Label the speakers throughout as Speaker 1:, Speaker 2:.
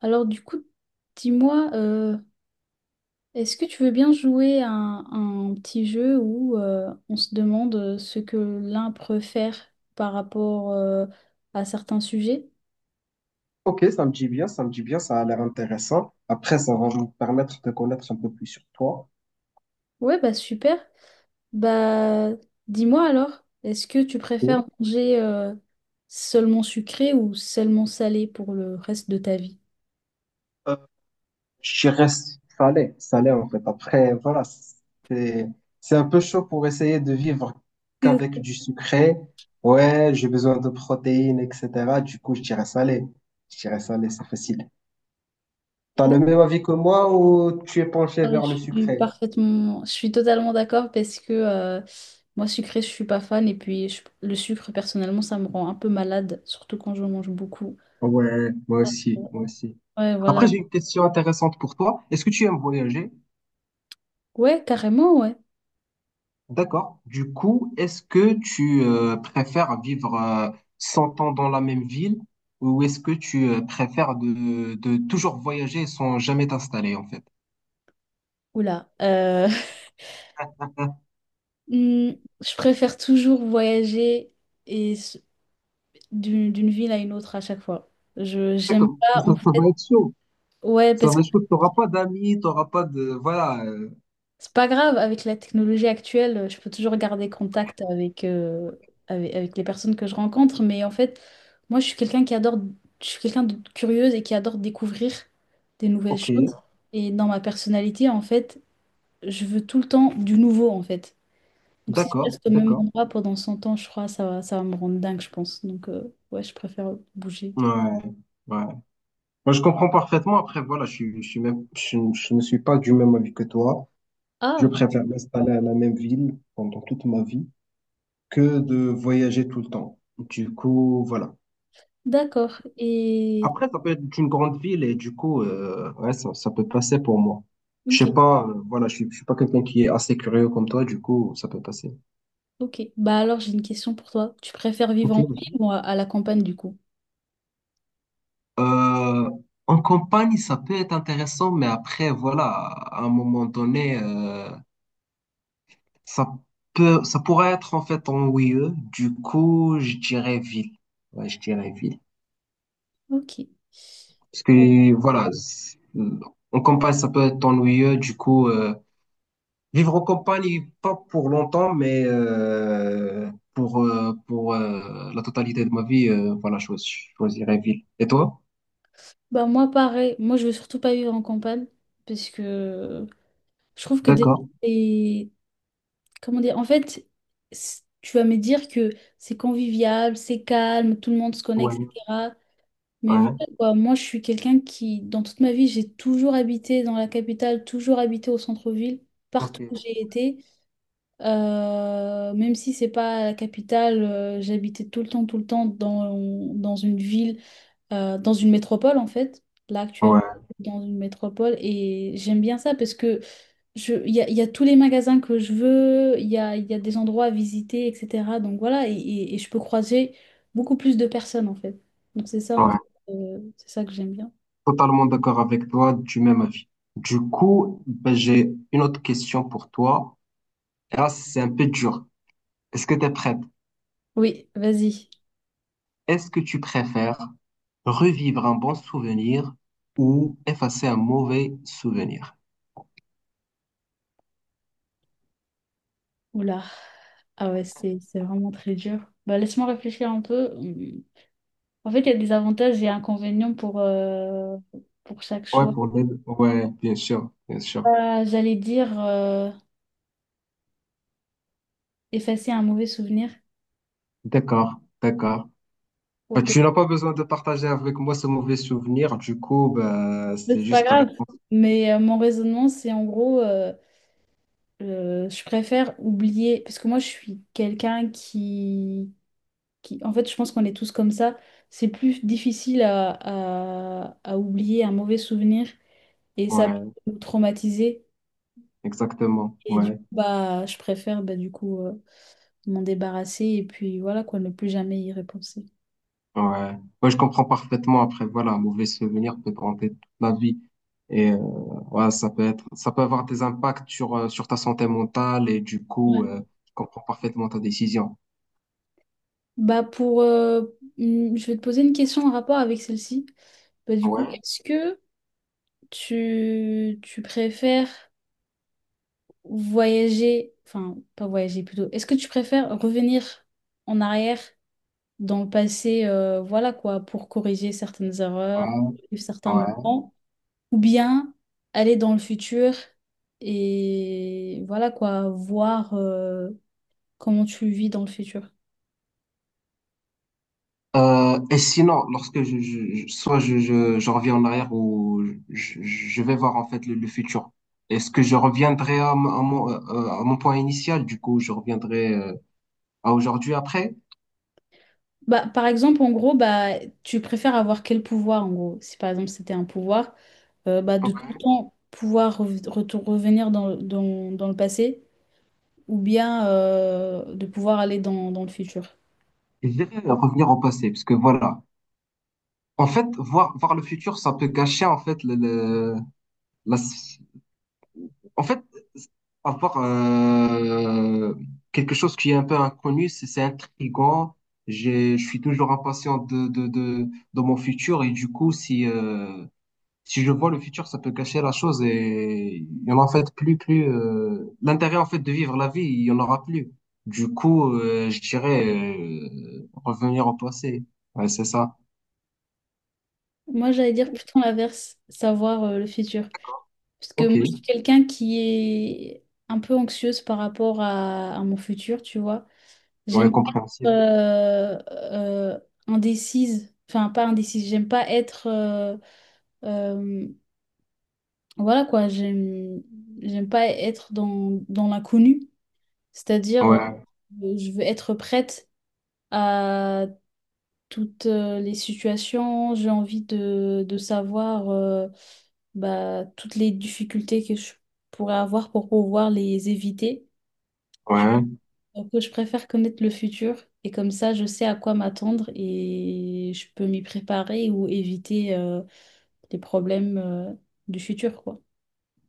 Speaker 1: Alors du coup, dis-moi, est-ce que tu veux bien jouer à un petit jeu où on se demande ce que l'un préfère par rapport à certains sujets?
Speaker 2: Ok, ça me dit bien, ça me dit bien, ça a l'air intéressant. Après, ça va me permettre de connaître un peu plus sur toi.
Speaker 1: Ouais, bah super. Bah dis-moi alors, est-ce que tu préfères
Speaker 2: Ok.
Speaker 1: manger seulement sucré ou seulement salé pour le reste de ta vie?
Speaker 2: Euh, je dirais salé en fait. Après, voilà, c'est un peu chaud pour essayer de vivre qu'avec du sucré. Ouais, j'ai besoin de protéines, etc. Du coup, je dirais salé. Je dirais salé, c'est facile. T'as le
Speaker 1: D'accord.
Speaker 2: même avis que moi ou tu es penché vers le sucré?
Speaker 1: Je suis totalement d'accord parce que moi sucré, je suis pas fan et puis le sucre personnellement, ça me rend un peu malade, surtout quand je mange beaucoup.
Speaker 2: Ouais, moi aussi, moi aussi.
Speaker 1: Ouais, voilà.
Speaker 2: Après, j'ai une question intéressante pour toi. Est-ce que tu aimes voyager?
Speaker 1: Ouais, carrément, ouais.
Speaker 2: D'accord. Du coup, est-ce que tu préfères vivre 100 ans dans la même ville ou est-ce que tu préfères de toujours voyager sans jamais t'installer en fait?
Speaker 1: Oula. Hmm, je préfère toujours voyager et d'une ville à une autre à chaque fois. Je j'aime
Speaker 2: D'accord.
Speaker 1: pas
Speaker 2: Ça,
Speaker 1: en
Speaker 2: ça
Speaker 1: fait.
Speaker 2: va être chaud.
Speaker 1: Ouais,
Speaker 2: Ça
Speaker 1: parce
Speaker 2: va
Speaker 1: que
Speaker 2: être chaud. T'auras pas d'amis, t'auras pas de...
Speaker 1: c'est pas grave, avec la technologie actuelle, je peux toujours garder contact avec les personnes que je rencontre, mais en fait, moi, je suis quelqu'un de curieuse et qui adore découvrir des nouvelles
Speaker 2: ok.
Speaker 1: choses. Et dans ma personnalité, en fait, je veux tout le temps du nouveau, en fait. Donc si je
Speaker 2: D'accord.
Speaker 1: reste au même
Speaker 2: D'accord.
Speaker 1: endroit pendant 100 ans, je crois, ça va me rendre dingue, je pense. Donc ouais, je préfère bouger.
Speaker 2: Ouais. Ouais. Moi, je comprends parfaitement. Après, voilà, je suis même, je ne suis pas du même avis que toi. Je
Speaker 1: Ah,
Speaker 2: préfère m'installer à la même ville pendant toute ma vie, que de voyager tout le temps. Du coup, voilà.
Speaker 1: d'accord.
Speaker 2: Après, ça peut être une grande ville et du coup, ouais, ça peut passer pour moi. Je
Speaker 1: Ok,
Speaker 2: sais pas, voilà, je suis pas quelqu'un qui est assez curieux comme toi, du coup, ça peut passer.
Speaker 1: ok. Bah alors, j'ai une question pour toi. Tu préfères vivre
Speaker 2: Ok.
Speaker 1: en ville ou à la campagne, du coup?
Speaker 2: Euh, en campagne, ça peut être intéressant, mais après, voilà, à un moment donné, ça peut, ça pourrait être en fait ennuyeux. Du coup, je dirais ville. Ouais, je dirais ville.
Speaker 1: Ok.
Speaker 2: Parce
Speaker 1: Bon,
Speaker 2: que, voilà, en campagne, ça peut être ennuyeux. Du coup, vivre en campagne, pas pour longtemps, mais pour la totalité de ma vie, voilà, je choisirais ville. Et toi?
Speaker 1: bah moi pareil, moi je veux surtout pas vivre en campagne parce que je trouve que déjà
Speaker 2: D'accord.
Speaker 1: c'est- comment dire en fait, tu vas me dire que c'est convivial, c'est calme, tout le monde se connaît,
Speaker 2: Ouais,
Speaker 1: etc. Mais voilà,
Speaker 2: ouais,
Speaker 1: quoi, moi je suis quelqu'un qui dans toute ma vie j'ai toujours habité dans la capitale, toujours habité au centre-ville,
Speaker 2: ok.
Speaker 1: partout où j'ai été. Même si c'est pas la capitale, j'habitais tout le temps dans une ville dans une métropole en fait, là actuellement,
Speaker 2: Ouais,
Speaker 1: dans une métropole. Et j'aime bien ça parce que il y a tous les magasins que je veux, il y a des endroits à visiter, etc. Donc voilà, et je peux croiser beaucoup plus de personnes en fait. Donc c'est ça, en fait,
Speaker 2: ouais.
Speaker 1: c'est ça que j'aime bien.
Speaker 2: Totalement d'accord avec toi, du même avis. Du coup, ben, j'ai une autre question pour toi. Et là, c'est un peu dur. Est-ce que tu es prête?
Speaker 1: Oui, vas-y.
Speaker 2: Est-ce que tu préfères revivre un bon souvenir ou effacer un mauvais souvenir?
Speaker 1: Oula. Ah ouais, c'est vraiment très dur. Bah, laisse-moi réfléchir un peu. Hum. En fait, il y a des avantages et inconvénients pour chaque
Speaker 2: Ouais,
Speaker 1: choix.
Speaker 2: pour les... deux. Ouais, bien sûr, bien sûr.
Speaker 1: Ah, j'allais dire effacer un mauvais souvenir.
Speaker 2: D'accord, d'accord.
Speaker 1: Ouais,
Speaker 2: Bah, tu n'as pas besoin de partager avec moi ce mauvais souvenir, du coup, bah,
Speaker 1: mais
Speaker 2: c'est
Speaker 1: c'est pas
Speaker 2: juste ta
Speaker 1: grave,
Speaker 2: réponse.
Speaker 1: mais mon raisonnement, c'est en gros, je préfère oublier, parce que moi, je suis quelqu'un qui, en fait, je pense qu'on est tous comme ça. C'est plus difficile à oublier un mauvais souvenir et ça peut
Speaker 2: Ouais,
Speaker 1: nous traumatiser.
Speaker 2: exactement.
Speaker 1: Et du coup,
Speaker 2: Ouais,
Speaker 1: bah, je préfère, bah, du coup, m'en débarrasser et puis voilà, quoi, ne plus jamais y repenser.
Speaker 2: ouais. Moi, je comprends parfaitement. Après, voilà, un mauvais souvenir peut te hanter toute la vie. Et euh, ouais, ça peut être, ça peut avoir des impacts sur, sur ta santé mentale et du
Speaker 1: Ouais.
Speaker 2: coup, je comprends parfaitement ta décision.
Speaker 1: Bah, je vais te poser une question en rapport avec celle-ci. Bah, du coup,
Speaker 2: Ouais,
Speaker 1: est-ce que tu préfères voyager, enfin, pas voyager plutôt, est-ce que tu préfères revenir en arrière dans le passé, voilà quoi, pour corriger certaines erreurs,
Speaker 2: ouais,
Speaker 1: vivre certains
Speaker 2: ouais.
Speaker 1: moments, ou bien aller dans le futur et voilà quoi, voir comment tu vis dans le futur?
Speaker 2: Et sinon, lorsque soit je reviens en arrière ou je vais voir en fait le futur, est-ce que je reviendrai à, à mon point initial? Du coup, je reviendrai à aujourd'hui après?
Speaker 1: Bah, par exemple, en gros, bah, tu préfères avoir quel pouvoir, en gros? Si par exemple c'était un pouvoir, bah, de tout le
Speaker 2: Ouais.
Speaker 1: temps pouvoir revenir dans le passé ou bien de pouvoir aller dans le futur.
Speaker 2: Je dirais revenir au passé, parce que voilà. En fait, voir le futur, ça peut gâcher en fait la, en fait, avoir quelque chose qui est un peu inconnu, c'est intriguant. Je suis toujours impatient de mon futur et du coup, si je vois le futur, ça peut gâcher la chose et il y en a en fait plus, l'intérêt en fait de vivre la vie, il y en aura plus. Du coup, je dirais revenir au passé. Ouais, c'est ça.
Speaker 1: Moi, j'allais dire plutôt l'inverse, savoir le futur. Parce que
Speaker 2: Ok.
Speaker 1: moi, je suis quelqu'un qui est un peu anxieuse par rapport à mon futur, tu vois.
Speaker 2: Ouais,
Speaker 1: J'aime pas être
Speaker 2: compréhensible.
Speaker 1: euh, indécise, enfin pas indécise. J'aime pas être... euh, Voilà quoi, j'aime pas être dans l'inconnu, c'est-à-dire
Speaker 2: Ouais,
Speaker 1: je veux être prête à toutes les situations, j'ai envie de savoir bah, toutes les difficultés que je pourrais avoir pour pouvoir les éviter. Je,
Speaker 2: ouais.
Speaker 1: donc, je préfère connaître le futur et comme ça je sais à quoi m'attendre et je peux m'y préparer ou éviter les problèmes du futur quoi.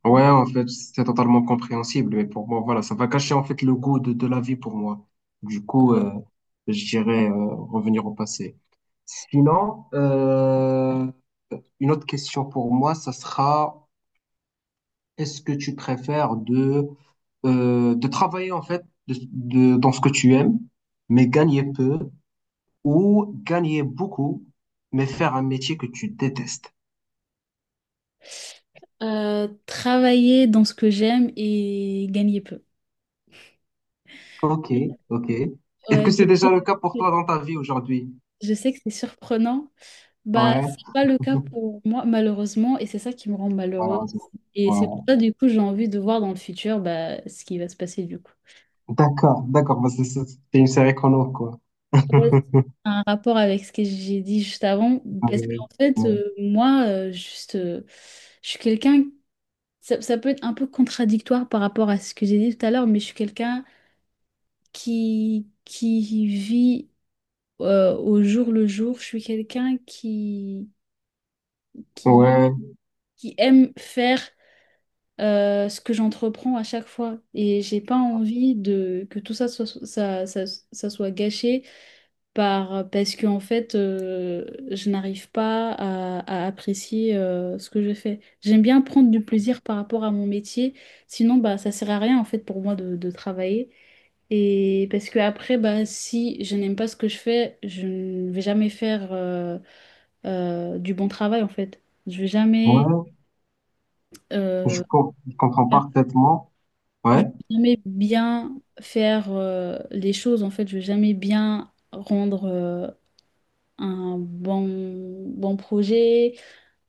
Speaker 2: Ouais, en fait, c'est totalement compréhensible, mais pour moi, voilà, ça va cacher en fait le goût de la vie pour moi. Du coup, je dirais revenir au passé. Sinon, une autre question pour moi, ça sera, est-ce que tu préfères de travailler en fait dans ce que tu aimes, mais gagner peu, ou gagner beaucoup, mais faire un métier que tu détestes?
Speaker 1: Travailler dans ce que j'aime et gagner peu.
Speaker 2: Ok, ok. Est-ce
Speaker 1: Ouais,
Speaker 2: que c'est déjà le cas pour toi
Speaker 1: sais
Speaker 2: dans ta vie aujourd'hui?
Speaker 1: je sais que c'est surprenant. Bah,
Speaker 2: Ouais.
Speaker 1: c'est pas le cas pour moi, malheureusement, et c'est ça qui me rend malheureuse.
Speaker 2: Malheureusement.
Speaker 1: Et c'est pour
Speaker 2: Ouais.
Speaker 1: ça, du coup, j'ai envie de voir dans le futur bah, ce qui va se passer, du coup.
Speaker 2: D'accord, d'accord, parce que c'est une série qu'on a, quoi.
Speaker 1: Ouais, c'est un rapport avec ce que j'ai dit juste avant, parce
Speaker 2: Ouais,
Speaker 1: qu'en fait, moi, juste, je suis quelqu'un, ça, ça peut être un peu contradictoire par rapport à ce que j'ai dit tout à l'heure, mais je suis quelqu'un qui vit au jour le jour. Je suis quelqu'un qui,
Speaker 2: ouais,
Speaker 1: qui aime faire ce que j'entreprends à chaque fois. Et j'ai pas envie de, que tout ça soit, ça soit gâché parce que, en fait, je n'arrive pas à apprécier ce que je fais. J'aime bien prendre du plaisir par rapport à mon métier. Sinon, bah, ça sert à rien, en fait, pour moi de travailler. Et parce que après, bah, si je n'aime pas ce que je fais, je ne vais jamais faire du bon travail en fait.
Speaker 2: ouais,
Speaker 1: Euh,
Speaker 2: je comprends
Speaker 1: faire-
Speaker 2: parfaitement.
Speaker 1: je vais
Speaker 2: Ouais,
Speaker 1: jamais bien faire les choses en fait. Je vais jamais bien rendre un bon projet,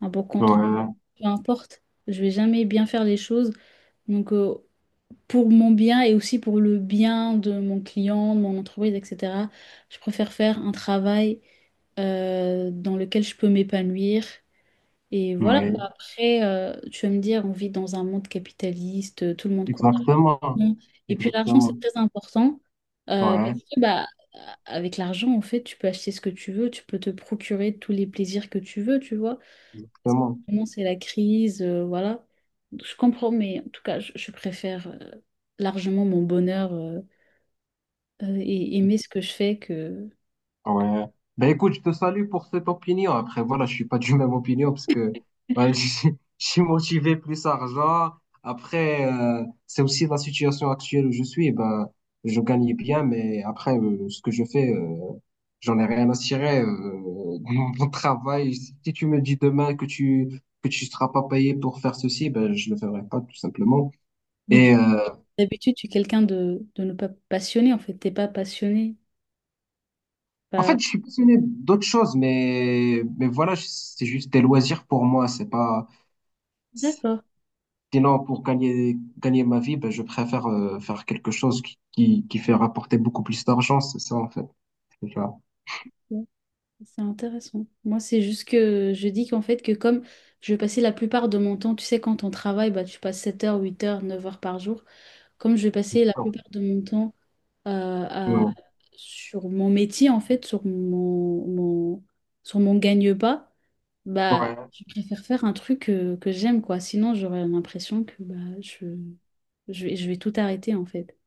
Speaker 1: un bon compte,
Speaker 2: ouais,
Speaker 1: peu importe. Je vais jamais bien faire les choses. Donc pour mon bien et aussi pour le bien de mon client, de mon entreprise, etc. Je préfère faire un travail dans lequel je peux m'épanouir. Et voilà quoi.
Speaker 2: oui,
Speaker 1: Après, tu vas me dire, on vit dans un monde capitaliste, tout le monde court
Speaker 2: exactement,
Speaker 1: d'argent. Et puis l'argent,
Speaker 2: exactement,
Speaker 1: c'est très important
Speaker 2: ouais,
Speaker 1: parce que bah, avec l'argent, en fait, tu peux acheter ce que tu veux, tu peux te procurer tous les plaisirs que tu veux, tu vois. Parce que
Speaker 2: exactement.
Speaker 1: vraiment, c'est la crise, voilà. Je comprends, mais en tout cas, je préfère largement mon bonheur et aimer ce que je fais que...
Speaker 2: Ouais. Ben écoute, je te salue pour cette opinion. Après, voilà, je suis pas du même opinion parce que voilà, je suis motivé plus argent. Après, c'est aussi la situation actuelle où je suis. Ben, je gagne bien, mais après, ce que je fais, j'en ai rien à tirer. Mon travail, si tu me dis demain que tu seras pas payé pour faire ceci, ben je le ferai pas tout simplement. Et euh,
Speaker 1: D'habitude, tu es quelqu'un de ne pas passionné, en fait. T'es pas passionné.
Speaker 2: en fait,
Speaker 1: Pas...
Speaker 2: je suis passionné d'autres choses, mais voilà, c'est juste des loisirs pour moi. C'est pas.
Speaker 1: D'accord.
Speaker 2: Sinon, pour gagner ma vie, ben, je préfère faire quelque chose qui fait rapporter beaucoup plus d'argent, c'est ça en fait. Tu vois.
Speaker 1: C'est intéressant. Moi, c'est juste que je dis qu'en fait, que comme je passais la plupart de mon temps, tu sais, quand on travaille, bah, tu passes 7 heures, 8 heures, 9 heures par jour. Comme je passais la plupart de mon temps euh, à-
Speaker 2: Ouais,
Speaker 1: sur mon métier, en fait, sur mon gagne-pas, bah,
Speaker 2: ouais,
Speaker 1: je préfère faire un truc que j'aime, quoi. Sinon, j'aurais l'impression que bah, je, je vais tout arrêter, en fait.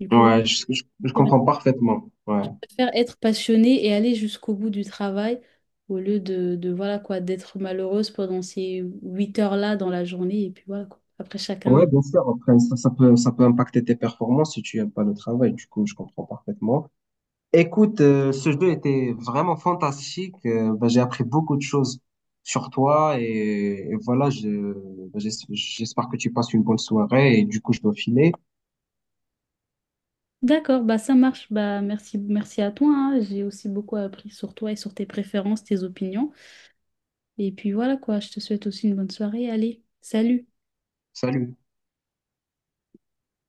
Speaker 1: Du coup,
Speaker 2: ouais, je
Speaker 1: voilà
Speaker 2: comprends parfaitement. Ouais.
Speaker 1: préfère être passionnée et aller jusqu'au bout du travail au lieu de voilà quoi, d'être malheureuse pendant ces 8 heures-là dans la journée et puis voilà quoi. Après
Speaker 2: Ouais,
Speaker 1: chacun.
Speaker 2: bien sûr. Après, ça, ça peut impacter tes performances si tu aimes pas le travail. Du coup, je comprends parfaitement. Écoute, ce jeu était vraiment fantastique. Ben, j'ai appris beaucoup de choses sur toi et voilà, je, ben, j'espère que tu passes une bonne soirée et du coup, je dois filer.
Speaker 1: D'accord, bah ça marche. Bah merci, merci à toi. Hein. J'ai aussi beaucoup appris sur toi et sur tes préférences, tes opinions. Et puis voilà quoi, je te souhaite aussi une bonne soirée. Allez, salut.
Speaker 2: Salut.